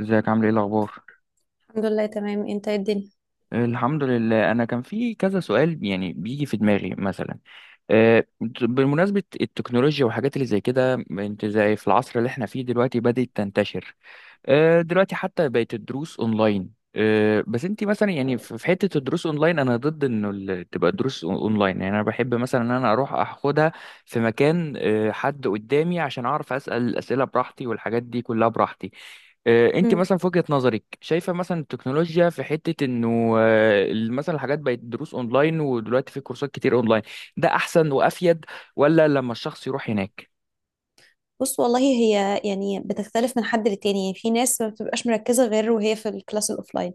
ازيك؟ عامل ايه؟ الاخبار؟ الحمد لله. تمام. انت ايه الدنيا؟ الحمد لله، انا كان في كذا سؤال يعني بيجي في دماغي. مثلا آه، بمناسبة التكنولوجيا والحاجات اللي زي كده، انت زي في العصر اللي احنا فيه دلوقتي بدأت تنتشر. دلوقتي حتى بقت الدروس اونلاين. بس انت مثلا يعني في حتة الدروس اونلاين، انا ضد انه تبقى الدروس اونلاين. يعني انا بحب مثلا ان انا اروح اخدها في مكان، حد قدامي عشان اعرف اسأل الاسئلة براحتي والحاجات دي كلها براحتي. انت مم. مثلا في وجهة نظرك شايفة مثلا التكنولوجيا في حتة انه مثلا الحاجات بقت دروس اونلاين، ودلوقتي في كورسات كتير اونلاين، ده احسن وافيد ولا لما الشخص يروح هناك؟ بص، والله هي يعني بتختلف من حد للتاني. يعني في ناس ما بتبقاش مركزة غير وهي في الكلاس الأوفلاين.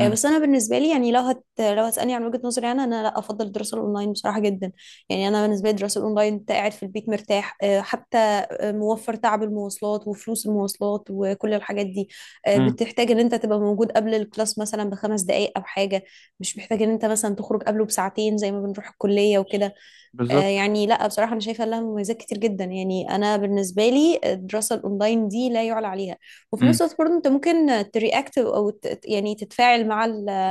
بس أنا بالنسبة لي يعني لو هتسألني عن وجهة نظري، أنا لا أفضل الدراسة الأونلاين بصراحة جدا. يعني أنا بالنسبة لي الدراسة الأونلاين أنت قاعد في البيت مرتاح، آه، حتى آه، موفر تعب المواصلات وفلوس المواصلات وكل الحاجات دي. امم، بتحتاج إن أنت تبقى موجود قبل الكلاس مثلا بخمس دقايق أو حاجة. مش محتاج إن أنت مثلا تخرج قبله بساعتين زي ما بنروح الكلية وكده. بالظبط، يعني لا بصراحة أنا شايفة لها مميزات كتير جدا. يعني أنا بالنسبة لي الدراسة الأونلاين دي لا يعلى عليها. وفي نفس امم. الوقت برضه أنت ممكن ترياكت يعني تتفاعل مع ال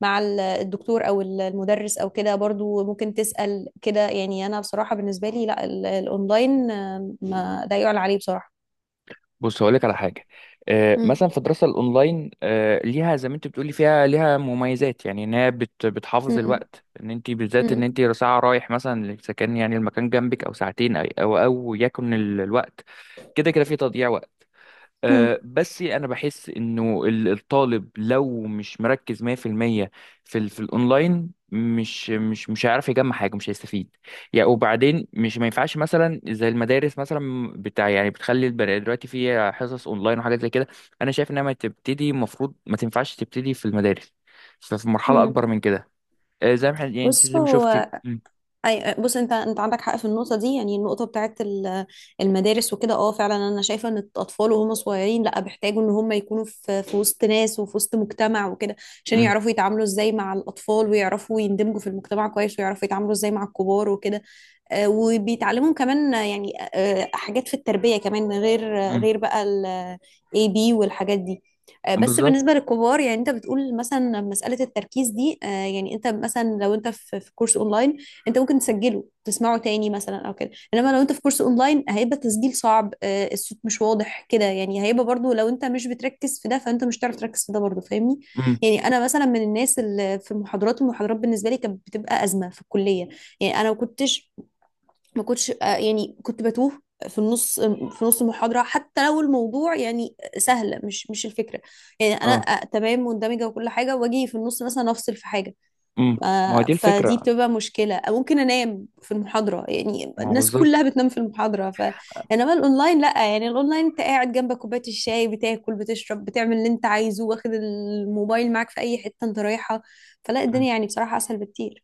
مع ال- الدكتور أو المدرس أو كده. برضه ممكن تسأل كده. يعني أنا بصراحة بالنسبة لي لا، الأونلاين ما لا يعلى عليه بصراحة. بص هقول لك على حاجة. مم. مثلا في الدراسة الأونلاين، ليها زي ما أنت بتقولي فيها ليها مميزات، يعني إن هي بتحافظ مم. الوقت، إن أنت بالذات إن مم. أنت ساعة رايح مثلا، إذا كان يعني المكان جنبك أو ساعتين أو أو يكن الوقت كده كده في تضييع وقت. مم. بس انا بحس انه الطالب لو مش مركز 100% في المية في في الاونلاين، مش هيعرف يجمع حاجه، مش هيستفيد. يعني وبعدين مش ما ينفعش مثلا زي المدارس مثلا بتاع، يعني بتخلي البني دلوقتي في حصص اونلاين وحاجات زي كده، انا شايف انها ما تبتدي، المفروض ما تنفعش تبتدي في المدارس، ففي مرحله مم. اكبر من كده. زي ما احنا يعني أنت بص زي ما شفتي هو اي، بص، انت عندك حق في النقطه دي. يعني النقطه بتاعت المدارس وكده. اه فعلا. انا شايفه ان الاطفال وهم صغيرين لا، بيحتاجوا ان هم يكونوا في في وسط ناس وفي وسط مجتمع وكده، عشان م- يعرفوا يتعاملوا ازاي مع الاطفال، ويعرفوا يندمجوا في المجتمع كويس، ويعرفوا يتعاملوا ازاي مع الكبار وكده. وبيتعلموا كمان، حاجات في التربية كمان، م. غير بقى ال A B والحاجات دي. بس بالظبط. بالنسبة للكبار، يعني انت بتقول مثلا مسألة التركيز دي. يعني انت مثلا لو انت في في كورس اونلاين، انت ممكن تسجله، تسمعه تاني مثلا او كده. انما لو انت في كورس اونلاين، هيبقى تسجيل صعب، الصوت مش واضح كده. يعني هيبقى برضو لو انت مش بتركز في ده، فانت مش هتعرف تركز في ده برضو، فاهمني؟ م. يعني انا مثلا من الناس اللي في المحاضرات، بالنسبة لي كانت بتبقى أزمة في الكلية. يعني انا ما كنتش، يعني كنت بتوه في نص المحاضرة، حتى لو الموضوع يعني سهل. مش الفكرة. يعني أنا اه. تمام مندمجة وكل حاجة، وأجي في النص مثلا أفصل في حاجة. م. ما هو دي فدي الفكره، بتبقى مشكلة، أو ممكن أنام في المحاضرة. يعني ما هو الناس كلها بالظبط. بتنام في المحاضرة ف، إنما الأونلاين لأ. يعني الأونلاين أنت قاعد جنبك كوباية الشاي، بتاكل، بتشرب، بتعمل اللي أنت عايزه، واخد الموبايل معاك في أي حتة أنت رايحة. فلا الدنيا امم. يعني بصراحة أسهل بكتير.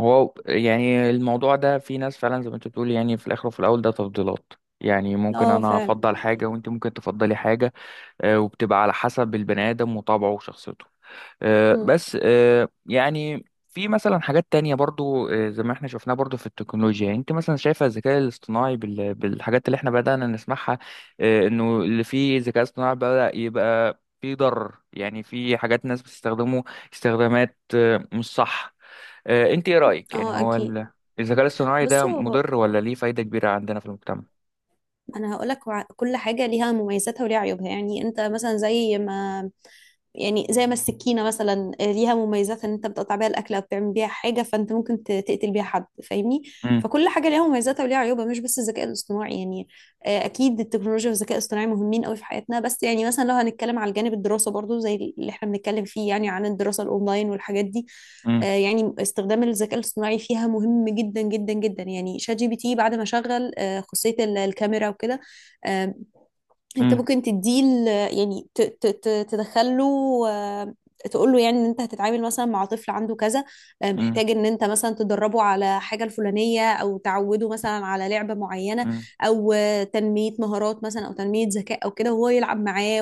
هو يعني الموضوع ده في ناس فعلا زي ما انت بتقول، يعني في الاخر وفي الاول ده تفضيلات. يعني ممكن اه انا فعلا. افضل حاجه وانت ممكن تفضلي حاجه. وبتبقى على حسب البني ادم وطبعه وشخصيته. آه، مم. بس آه، يعني في مثلا حاجات تانية برضو، زي ما احنا شفناها برضو في التكنولوجيا. يعني انت مثلا شايفة الذكاء الاصطناعي بالحاجات اللي احنا بدأنا نسمعها، انه اللي فيه ذكاء اصطناعي بدأ يبقى فيه ضرر. يعني في حاجات ناس بتستخدمه استخدامات مش صح. انت ايه رأيك؟ يعني اه هو أكيد. الذكاء الاصطناعي ده بصوا، مضر ولا ليه فايدة كبيرة عندنا في المجتمع؟ انا هقولك كل حاجه ليها مميزاتها وليها عيوبها. يعني انت مثلا زي ما، يعني زي ما السكينه مثلا، ليها مميزات ان انت بتقطع بيها الاكل او بتعمل بيها حاجه، فانت ممكن تقتل بيها حد، فاهمني؟ امم، فكل حاجه ليها مميزاتها وليها عيوبها، مش بس الذكاء الاصطناعي. يعني اكيد التكنولوجيا والذكاء الاصطناعي مهمين قوي في حياتنا. بس يعني مثلا لو هنتكلم على الجانب الدراسه برضو زي اللي احنا بنتكلم فيه، يعني عن الدراسه الاونلاين والحاجات دي، امم، يعني استخدام الذكاء الاصطناعي فيها مهم جدا جدا جدا. يعني شات جي بي تي بعد ما شغل خاصية الكاميرا وكده. آه، انت ممكن تديه تدخله. آه، تقول له يعني ان انت هتتعامل مثلا مع طفل عنده كذا، امم، محتاج ان انت مثلا تدربه على حاجة الفلانية، او تعوده مثلا على لعبة معينة، امم، او تنمية مهارات مثلا، او تنمية ذكاء او كده، وهو يلعب معاه،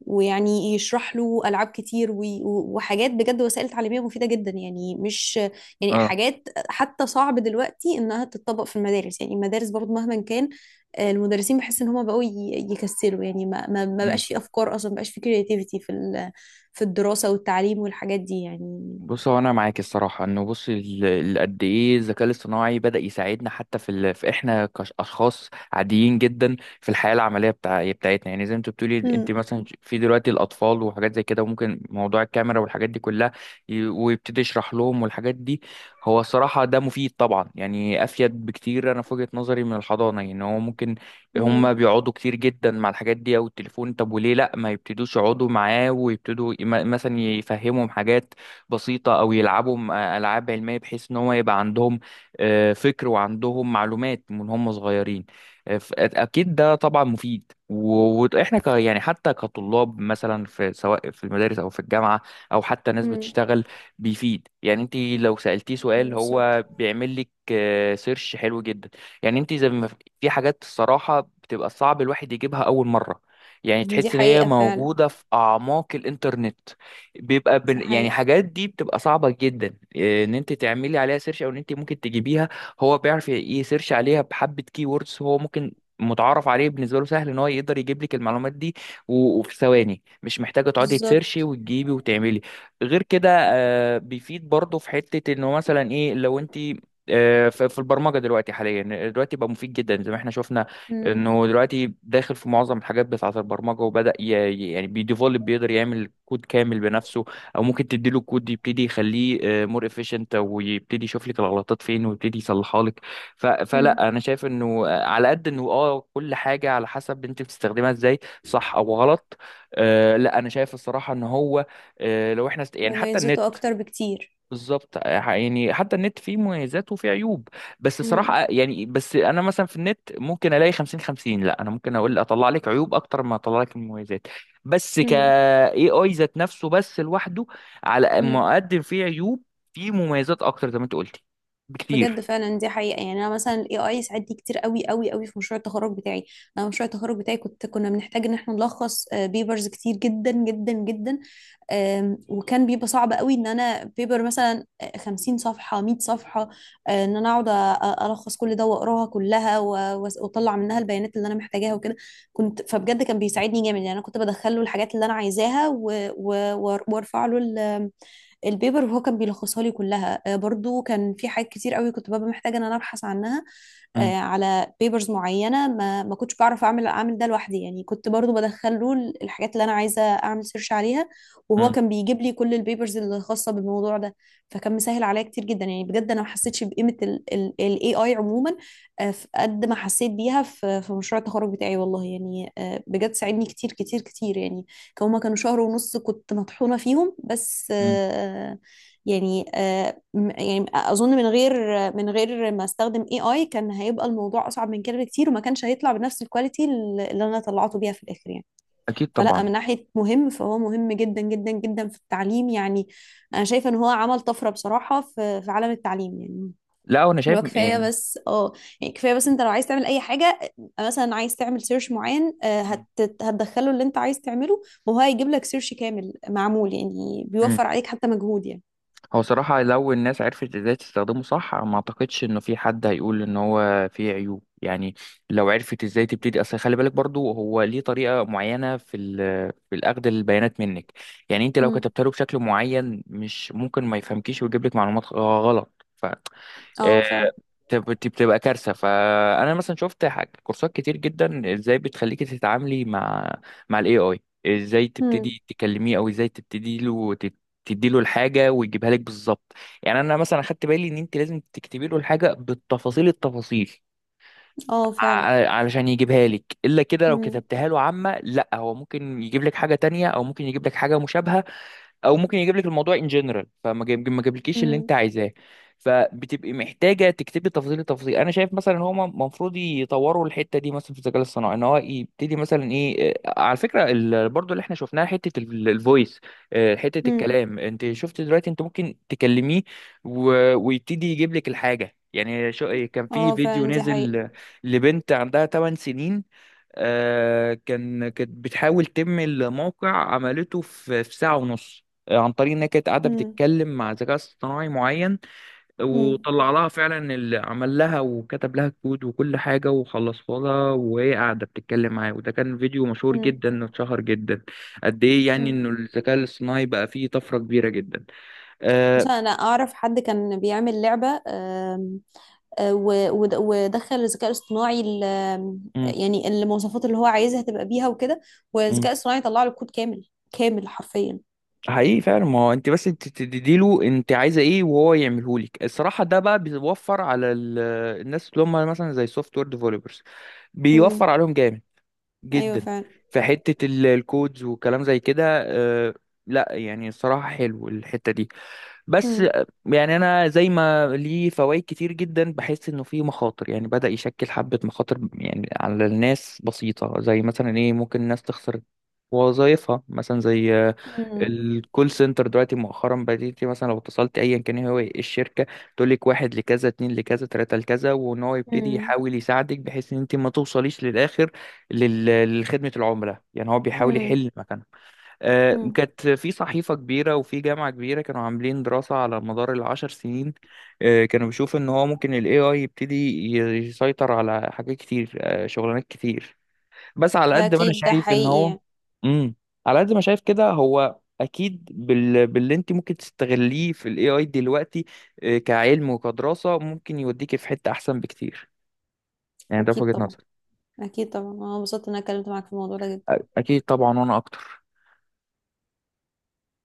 ويعني يشرح له العاب كتير، وحاجات بجد. وسائل تعليميه مفيده جدا. يعني مش، يعني اه. حاجات حتى صعب دلوقتي انها تتطبق في المدارس. يعني المدارس برضو مهما كان، المدرسين بحس ان هم بقوا يكسلوا. يعني ما بقاش في افكار اصلا، ما بقاش في كرياتيفيتي في الدراسه والتعليم والحاجات دي يعني. بص هو انا معاك الصراحه انه، بص قد ايه الذكاء الاصطناعي بدا يساعدنا حتى في، في احنا كاشخاص عاديين جدا في الحياه العمليه بتاعتنا. يعني زي ما انت بتقولي انت امم. مثلا في دلوقتي الاطفال وحاجات زي كده، وممكن موضوع الكاميرا والحاجات دي كلها، ويبتدي يشرح لهم والحاجات دي. هو الصراحه ده مفيد طبعا، يعني افيد بكتير. انا في وجهه نظري من الحضانه، يعني هو ممكن امم. هم بيقعدوا كتير جدا مع الحاجات دي او التليفون، طب وليه لا ما يبتدوش يقعدوا معاه ويبتدوا مثلا يفهمهم حاجات بسيطة، أو يلعبوا ألعاب علمية، بحيث إن هو يبقى عندهم فكر وعندهم معلومات من هم صغيرين. أكيد ده طبعا مفيد، وإحنا ك يعني حتى كطلاب مثلا في، سواء في المدارس أو في الجامعة أو حتى ناس امم. بتشتغل، بيفيد. يعني أنت لو سألتيه سؤال بالظبط. هو بيعمل لك سيرش حلو جدا. يعني أنت زي ما، في حاجات الصراحة بتبقى صعب الواحد يجيبها أول مرة، يعني دي تحس ان هي حقيقه فعلا. موجودة في اعماق الانترنت. دي يعني حقيقه. حاجات دي بتبقى صعبة جدا. إيه، ان انت تعملي عليها سيرش او ان انت ممكن تجيبيها، هو بيعرف يسيرش عليها بحبة كي ووردز هو ممكن متعارف عليه، بالنسبة له سهل ان هو يقدر يجيب لك المعلومات دي وفي ثواني، مش محتاجة تقعدي تسيرشي بالظبط. وتجيبي وتعملي. غير كده بيفيد برضه في حتة انه مثلا ايه لو انت، في البرمجة دلوقتي، حاليا دلوقتي بقى مفيد جدا زي ما احنا شفنا، امم. انه دلوقتي داخل في معظم الحاجات بتاعه البرمجه، وبدا يعني بيديفولب، بيقدر يعمل كود كامل بنفسه، او ممكن تديله الكود يبتدي يخليه مور افيشنت، ويبتدي يشوف لك الغلطات فين ويبتدي يصلحها لك. امم. فلا انا شايف انه على قد انه اه كل حاجه على حسب انت بتستخدمها ازاي، صح او غلط. آه لا انا شايف الصراحه ان هو، لو احنا يعني حتى النت، مميزاته اكتر بكتير. بالظبط يعني حتى النت فيه مميزات وفيه عيوب. بس صراحة يعني بس انا مثلا في النت ممكن الاقي 50-50، لا انا ممكن اقول اطلع لك عيوب اكتر ما اطلع لك المميزات. بس ك امم. اي اي ذات نفسه بس لوحده، على مم. ما اقدم فيه عيوب فيه مميزات اكتر زي ما انت قلتي بجد بكتير. فعلا دي حقيقة. يعني أنا مثلا ال AI ساعدني كتير قوي قوي قوي في مشروع التخرج بتاعي. أنا مشروع التخرج بتاعي كنا بنحتاج إن احنا نلخص بيبرز كتير جدا جدا جدا. وكان بيبقى صعب قوي إن أنا بيبر مثلا 50 صفحة، 100 صفحة. إن أنا أقعد ألخص كل ده وأقراها كلها، وأطلع منها البيانات اللي أنا محتاجاها وكده. كنت فبجد كان بيساعدني جامد. يعني أنا كنت بدخله الحاجات اللي أنا عايزاها، وأرفع له البيبر، وهو كان بيلخصها لي كلها. برضو كان في حاجات كتير قوي كنت ببقى محتاجه ان انا ابحث عنها، مم. على بيبرز معينه، ما كنتش بعرف اعمل ده لوحدي. يعني كنت برضو بدخل له الحاجات اللي انا عايزه اعمل سيرش عليها، وهو مم. كان بيجيب لي كل البيبرز الخاصه بالموضوع ده. فكان مسهل عليا كتير جدا. يعني بجد انا ما حسيتش بقيمه الاي اي عموما، في قد ما حسيت بيها في في مشروع التخرج بتاعي والله. يعني بجد ساعدني كتير كتير كتير. يعني هما كانوا شهر ونص كنت مطحونة فيهم، بس مم. يعني آه، يعني اظن من غير ما استخدم اي اي، كان هيبقى الموضوع اصعب من كده بكتير، وما كانش هيطلع بنفس الكواليتي اللي انا طلعته بيها في الاخر يعني. اكيد فلا، طبعا. من ناحية مهم، فهو مهم جدا جدا جدا في التعليم. يعني انا شايفة ان هو عمل طفرة بصراحة في في عالم التعليم. يعني لا وانا شايف لو كفايه يعني. بس اه، يعني كفايه بس انت لو عايز تعمل اي حاجه، مثلا عايز تعمل سيرش معين، آه، هت مم. هتدخله اللي انت عايز تعمله، وهو هيجيب لك سيرش كامل معمول. يعني بيوفر مم. عليك حتى مجهود يعني. هو صراحة لو الناس عرفت ازاي تستخدمه صح، ما اعتقدش انه في حد هيقول ان هو فيه عيوب. يعني لو عرفت ازاي تبتدي، اصل خلي بالك برضو هو ليه طريقة معينة في في الاخذ البيانات منك. يعني انت لو امم. كتبت له بشكل معين، مش ممكن ما يفهمكيش ويجيب لك معلومات غلط. ف آه، اه فعلا. بتبقى كارثه. فانا مثلا شفت كورسات كتير جدا، ازاي بتخليكي تتعاملي مع الاي اي، ازاي مم. تبتدي تكلميه او ازاي تبتدي له تدي له الحاجه ويجيبها لك بالظبط. يعني انا مثلا اخدت بالي ان انت لازم تكتبي له الحاجه بالتفاصيل التفاصيل اه فعلا. علشان يجيبها لك، الا كده لو مم. كتبتها له عامه، لا هو ممكن يجيب لك حاجه تانية، او ممكن يجيب لك حاجه مشابهه، او ممكن يجيب لك الموضوع ان جنرال فما جايب، ما جابلكيش اللي مم. انت عايزاه. فبتبقي محتاجه تكتبي تفاصيل التفاصيل. انا شايف مثلا ان هما المفروض يطوروا الحته دي مثلا في الذكاء الاصطناعي، ان هو يبتدي مثلا ايه، على فكره برضو اللي احنا شفناها حته الفويس، حته مم. الكلام. انت شفت دلوقتي انت ممكن تكلميه ويبتدي يجيب لك الحاجه. يعني شو إيه، كان في اه فيديو فعلا دي حقيقة. نزل لبنت عندها 8 سنين، كانت بتحاول تم الموقع، عملته في ساعة ونص، عن طريق ان هي كانت قاعده مم. بتتكلم مع ذكاء اصطناعي معين، مم. وطلع لها فعلا اللي عمل لها وكتب لها كود وكل حاجه وخلصها لها، وهي قاعده بتتكلم معاه. وده كان فيديو مشهور مم. جدا واتشهر جدا قد ايه، يعني مم. انه الذكاء الاصطناعي بقى فيه طفره كبيره جدا. عشان آه. انا اعرف حد كان بيعمل لعبة. آم، آه، و- ود- ودخل الذكاء الاصطناعي ال- آم، مم. يعني المواصفات اللي هو عايزها تبقى بيها وكده. مم. والذكاء الاصطناعي طلع له كود كامل كامل حرفيا. حقيقي فعلا، ما هو انت بس انت تديله انت عايزه ايه وهو يعمله لك. الصراحه ده بقى بيوفر على الناس اللي هم مثلا زي سوفت وير ديفلوبرز، بيوفر مم. عليهم جامد ايوه جدا فعلا. في حتة الكودز والكلام زي كده. آه، لا يعني الصراحة حلو الحتة دي. بس مم. يعني انا زي ما ليه فوائد كتير جدا، بحس انه فيه مخاطر، يعني بدأ يشكل حبة مخاطر يعني على الناس بسيطة، زي مثلا ايه ممكن الناس تخسر وظائفها مثلا. زي مم. الكول سنتر دلوقتي مؤخرا، بديتي مثلا لو اتصلت ايا كان إيه هو الشركة، تقول لك واحد لكذا اتنين لكذا تلاتة لكذا، وان هو يبتدي مم. يحاول يساعدك بحيث ان انت ما توصليش للاخر لخدمة العملاء. يعني هو بيحاول مم. يحل مكانها. مم. كانت في صحيفة كبيرة وفي جامعة كبيرة كانوا عاملين دراسة على مدار 10 سنين، كانوا بيشوفوا إن هو ممكن ال AI يبتدي يسيطر على حاجات كتير، شغلانات كتير. بس على ده قد ما أنا اكيد ده شايف إن حقيقي هو، يعني. مم. على قد ما شايف كده هو أكيد باللي أنت ممكن تستغليه في ال AI دلوقتي، كعلم وكدراسة ممكن يوديكي في حتة أحسن بكتير. يعني ده في اكيد وجهة طبعا. نظري. اكيد طبعا، انا انبسطت ان انا اتكلمت معاك في الموضوع ده جدا. أكيد طبعا وأنا أكتر.